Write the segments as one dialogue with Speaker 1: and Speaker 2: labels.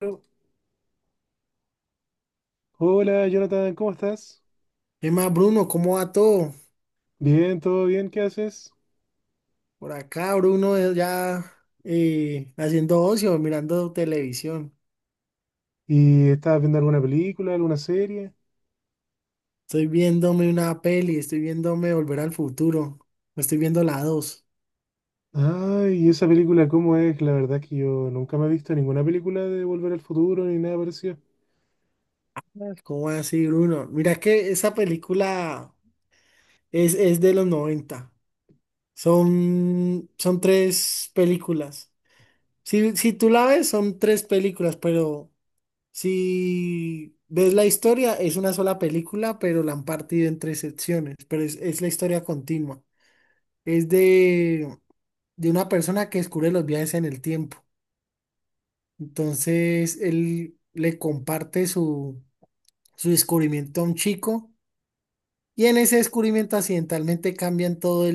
Speaker 1: Bueno, hola Jonathan, ¿cómo estás?
Speaker 2: ¿Qué más, Bruno? ¿Cómo va todo?
Speaker 1: Bien, todo bien, ¿qué haces?
Speaker 2: Por acá, Bruno, ya haciendo ocio, mirando televisión.
Speaker 1: ¿Y estás viendo alguna película, alguna serie?
Speaker 2: Estoy viéndome una peli, estoy viéndome Volver al Futuro. Me estoy viendo la dos.
Speaker 1: Ay, ¿y esa película cómo es? La verdad que yo nunca me he visto ninguna película de Volver al Futuro ni nada parecido.
Speaker 2: ¿Cómo así, Bruno? Mira que esa película es de los 90. Son tres películas. Si tú la ves, son tres películas, pero si ves la historia, es una sola película, pero la han partido en tres secciones, pero es la historia continua. Es de una persona que descubre los viajes en el tiempo. Entonces, él le comparte su descubrimiento a un chico, y en ese descubrimiento accidentalmente cambian todo,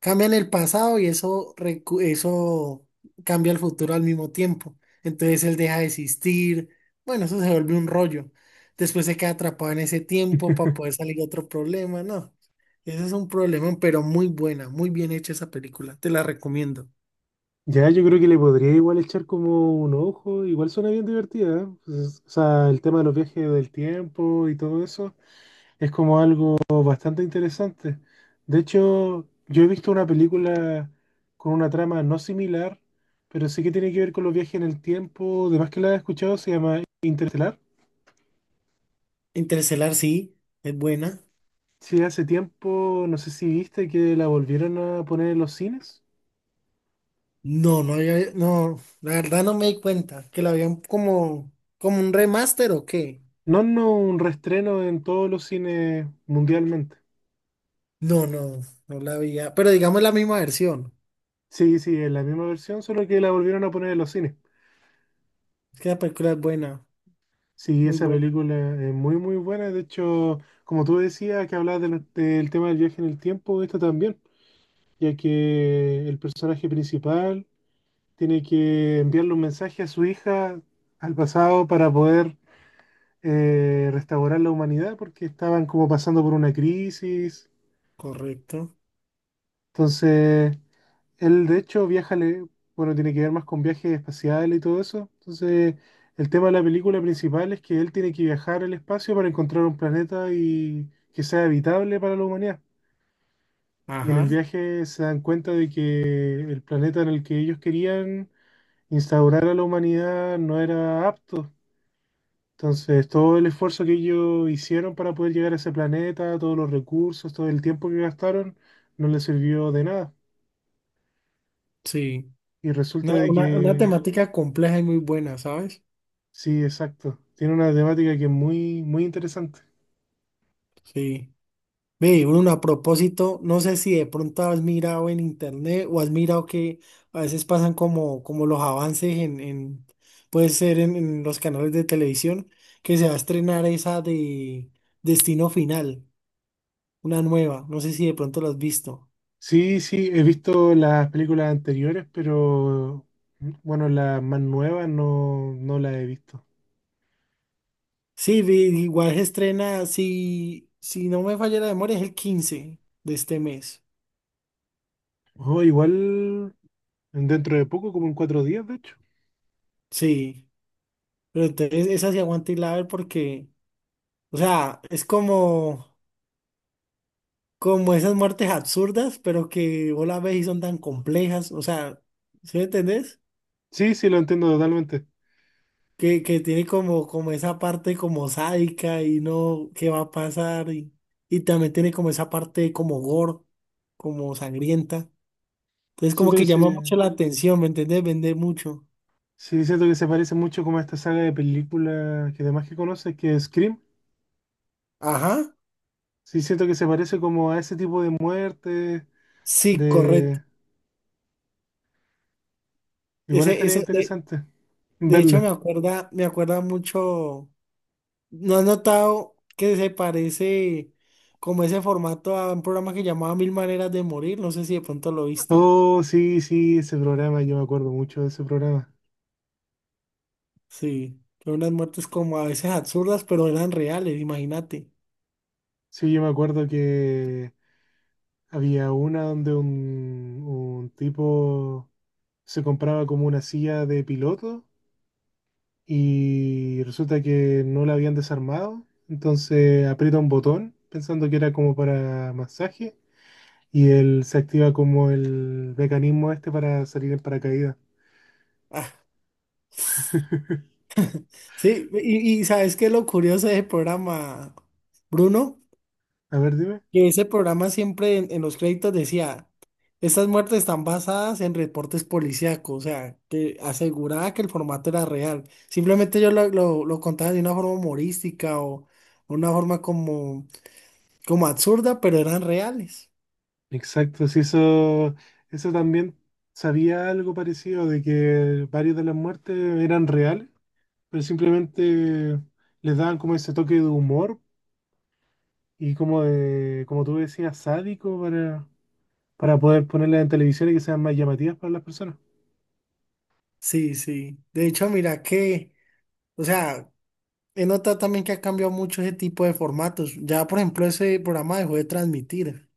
Speaker 2: cambian el pasado y eso, eso cambia el futuro al mismo tiempo. Entonces él deja de existir. Bueno, eso se vuelve un rollo. Después se queda atrapado en ese tiempo para poder salir de otro problema. No, ese es un problema, pero muy buena, muy bien hecha esa película. Te la recomiendo.
Speaker 1: Ya, yo creo que le podría igual echar como un ojo, igual suena bien divertida, ¿eh? Pues, o sea, el tema de los viajes del tiempo y todo eso. Es como algo bastante interesante. De hecho, yo he visto una película con una trama no similar, pero sí que tiene que ver con los viajes en el tiempo. Además que la he escuchado, se llama Interestelar.
Speaker 2: Interestelar sí, es buena.
Speaker 1: Sí, hace tiempo, no sé si viste que la volvieron a poner en los cines.
Speaker 2: No, no había, no, la verdad no me di cuenta que la habían como, como un remaster o qué.
Speaker 1: No, no, un reestreno en todos los cines mundialmente.
Speaker 2: No, no, no la había, pero digamos la misma versión.
Speaker 1: Sí, sí, es la misma versión, solo que la volvieron a poner en los cines.
Speaker 2: Es que la película es buena.
Speaker 1: Sí,
Speaker 2: Muy
Speaker 1: esa
Speaker 2: buena,
Speaker 1: película es muy, muy buena. De hecho, como tú decías, que hablabas del tema del viaje en el tiempo, esta también, ya que el personaje principal tiene que enviarle un mensaje a su hija al pasado para poder restaurar la humanidad, porque estaban como pasando por una crisis.
Speaker 2: correcto.
Speaker 1: Entonces, él, de hecho, bueno, tiene que ver más con viajes espaciales y todo eso. Entonces, el tema de la película principal es que él tiene que viajar al espacio para encontrar un planeta y que sea habitable para la humanidad. Y en el
Speaker 2: Ajá,
Speaker 1: viaje se dan cuenta de que el planeta en el que ellos querían instaurar a la humanidad no era apto. Entonces, todo el esfuerzo que ellos hicieron para poder llegar a ese planeta, todos los recursos, todo el tiempo que gastaron, no les sirvió de nada.
Speaker 2: sí.
Speaker 1: Y resulta
Speaker 2: Una,
Speaker 1: de
Speaker 2: una, una
Speaker 1: que
Speaker 2: temática compleja y muy buena, ¿sabes?
Speaker 1: sí, exacto. Tiene una temática que es muy, muy interesante.
Speaker 2: Sí. Ve, Bruno, a propósito, no sé si de pronto has mirado en internet o has mirado que a veces pasan como los avances en puede ser en los canales de televisión, que se va a estrenar esa de Destino Final, una nueva. No sé si de pronto lo has visto.
Speaker 1: Sí, sí, he visto las películas anteriores, pero bueno, las más nuevas no, no las he visto.
Speaker 2: Sí, igual se estrena, si no me falla la memoria, es el 15 de este mes.
Speaker 1: Oh, igual dentro de poco, como en 4 días, de hecho.
Speaker 2: Sí, pero entonces esa se aguanta y la ver porque, o sea, es como esas muertes absurdas, pero que vos las ves y son tan complejas, o sea, ¿sí me entendés?
Speaker 1: Sí, sí, lo entiendo totalmente.
Speaker 2: Que tiene como esa parte como sádica y no, qué va a pasar, y también tiene como esa parte como gore, como sangrienta. Entonces como
Speaker 1: Siento que
Speaker 2: que llama
Speaker 1: se,
Speaker 2: mucho la atención, ¿me entendés? Vende mucho.
Speaker 1: sí, siento que se parece mucho como a esta saga de películas que además que conoces, que es Scream.
Speaker 2: Ajá,
Speaker 1: Sí, siento que se parece como a ese tipo de muerte,
Speaker 2: sí,
Speaker 1: de...
Speaker 2: correcto.
Speaker 1: Igual
Speaker 2: Ese,
Speaker 1: estaría
Speaker 2: ese, de,
Speaker 1: interesante
Speaker 2: de hecho
Speaker 1: verlo.
Speaker 2: me acuerda mucho. ¿No has notado que se parece como ese formato a un programa que llamaba Mil Maneras de Morir? No sé si de pronto lo viste.
Speaker 1: Oh, sí, sí, ese programa, yo me acuerdo mucho de ese programa.
Speaker 2: Sí, son unas muertes como a veces absurdas, pero eran reales, imagínate.
Speaker 1: Sí, yo me acuerdo que había una donde un tipo se compraba como una silla de piloto y resulta que no la habían desarmado, entonces aprieta un botón pensando que era como para masaje y él se activa como el mecanismo este para salir en paracaídas.
Speaker 2: Ah, sí, y ¿sabes qué es lo curioso de ese programa, Bruno?
Speaker 1: A ver, dime.
Speaker 2: Que ese programa siempre en los créditos decía, estas muertes están basadas en reportes policíacos, o sea, que aseguraba que el formato era real. Simplemente yo lo contaba de una forma humorística o una forma como absurda, pero eran reales.
Speaker 1: Exacto, sí, eso también sabía algo parecido, de que varias de las muertes eran reales, pero simplemente les daban como ese toque de humor y como de, como tú decías, sádico para poder ponerlas en televisión y que sean más llamativas para las personas.
Speaker 2: Sí, sí. De hecho, mira que, o sea, he notado también que ha cambiado mucho ese tipo de formatos. Ya, por ejemplo, ese programa dejó de transmitir.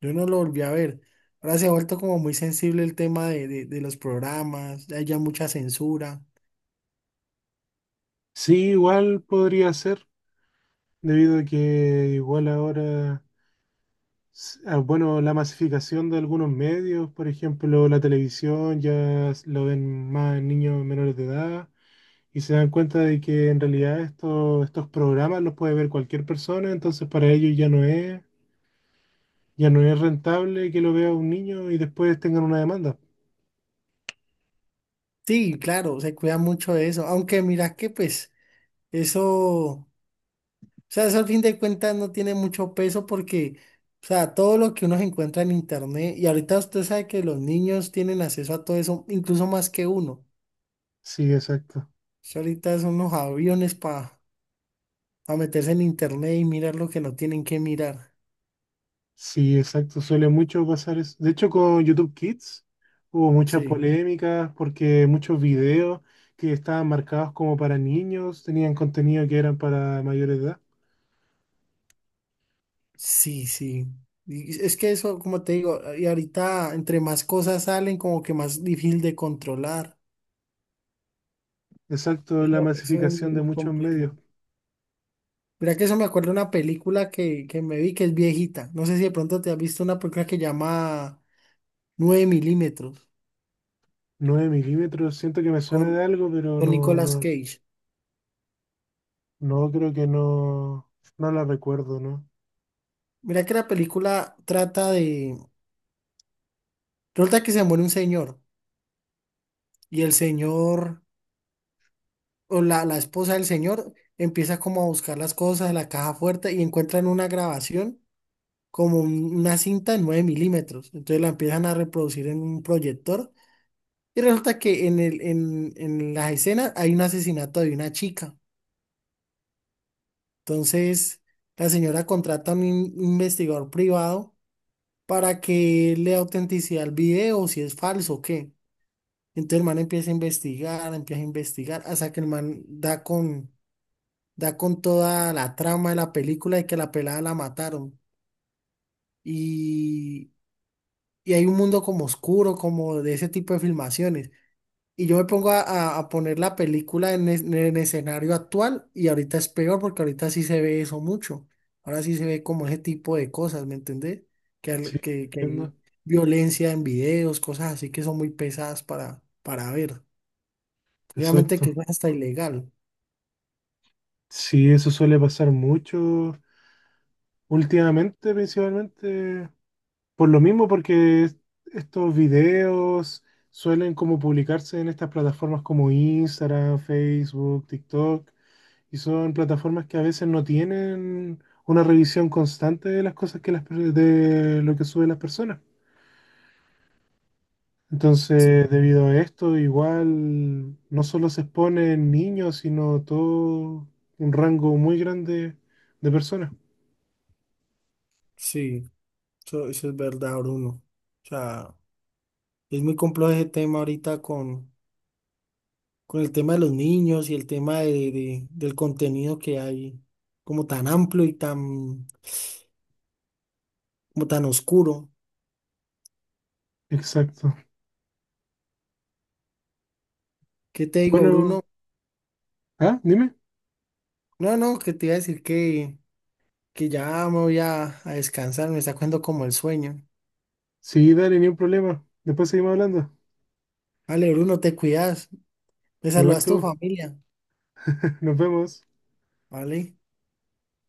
Speaker 2: Yo no lo volví a ver. Ahora se ha vuelto como muy sensible el tema de los programas, hay ya mucha censura.
Speaker 1: Sí, igual podría ser, debido a que igual ahora bueno, la masificación de algunos medios, por ejemplo, la televisión, ya lo ven más niños menores de edad y se dan cuenta de que en realidad estos programas los puede ver cualquier persona, entonces para ellos ya no es rentable que lo vea un niño y después tengan una demanda.
Speaker 2: Sí, claro, se cuida mucho de eso. Aunque mira que pues eso, o sea, eso al fin de cuentas no tiene mucho peso porque, o sea, todo lo que uno se encuentra en internet, y ahorita usted sabe que los niños tienen acceso a todo eso, incluso más que uno.
Speaker 1: Sí, exacto.
Speaker 2: Eso ahorita son unos aviones para meterse en internet y mirar lo que no tienen que mirar.
Speaker 1: Sí, exacto, suele mucho pasar eso. De hecho, con YouTube Kids hubo muchas
Speaker 2: Sí.
Speaker 1: polémicas porque muchos videos que estaban marcados como para niños tenían contenido que eran para mayor edad.
Speaker 2: Sí, sí. Y es que eso, como te digo, y ahorita entre más cosas salen, como que más difícil de controlar.
Speaker 1: Exacto, la
Speaker 2: Eso es
Speaker 1: masificación
Speaker 2: muy
Speaker 1: de
Speaker 2: muy
Speaker 1: muchos
Speaker 2: complejo.
Speaker 1: medios.
Speaker 2: Mira que eso me acuerdo de una película que me vi que es viejita. No sé si de pronto te has visto una película que llama 9 milímetros
Speaker 1: 9 milímetros, siento que me suena de
Speaker 2: con,
Speaker 1: algo, pero
Speaker 2: con
Speaker 1: no,
Speaker 2: Nicolas
Speaker 1: no,
Speaker 2: Cage.
Speaker 1: no creo que no, no la recuerdo, ¿no?
Speaker 2: Mira que la película trata de... Resulta que se muere un señor y el señor o la esposa del señor empieza como a buscar las cosas de la caja fuerte y encuentran una grabación como una cinta de 9 milímetros. Entonces la empiezan a reproducir en un proyector y resulta que en las escenas hay un asesinato de una chica. Entonces la señora contrata a un investigador privado para que le dé autenticidad al video, si es falso o qué. Entonces el man empieza a investigar, hasta que el man da con toda la trama de la película y que la pelada la mataron, y y hay un mundo como oscuro, como de ese tipo de filmaciones. Y yo me pongo a poner la película en, en el escenario actual, y ahorita es peor porque ahorita sí se ve eso mucho. Ahora sí se ve como ese tipo de cosas, ¿me entendés? Que,
Speaker 1: Sí,
Speaker 2: al- que, que
Speaker 1: entiendo.
Speaker 2: hay violencia en videos, cosas así que son muy pesadas para ver. Obviamente que
Speaker 1: Exacto.
Speaker 2: es hasta ilegal.
Speaker 1: Sí, eso suele pasar mucho últimamente, principalmente. Por lo mismo, porque estos videos suelen como publicarse en estas plataformas como Instagram, Facebook, TikTok, y son plataformas que a veces no tienen una revisión constante de las cosas que de lo que suben las personas. Entonces,
Speaker 2: Sí,
Speaker 1: debido a esto, igual no solo se exponen niños, sino todo un rango muy grande de personas.
Speaker 2: sí, eso es verdad, Bruno. O sea, es muy complejo ese tema ahorita con el tema de los niños y el tema del contenido que hay, como tan amplio y tan, como tan oscuro.
Speaker 1: Exacto.
Speaker 2: ¿Qué te digo,
Speaker 1: Bueno,
Speaker 2: Bruno?
Speaker 1: ah, dime.
Speaker 2: No, no, que te iba a decir que ya me voy a descansar, me está cogiendo como el sueño.
Speaker 1: Sí, dale, ni un problema. Después seguimos hablando.
Speaker 2: Vale, Bruno, te cuidas, me
Speaker 1: Igual
Speaker 2: saludas a tu
Speaker 1: tú,
Speaker 2: familia,
Speaker 1: nos vemos.
Speaker 2: ¿vale?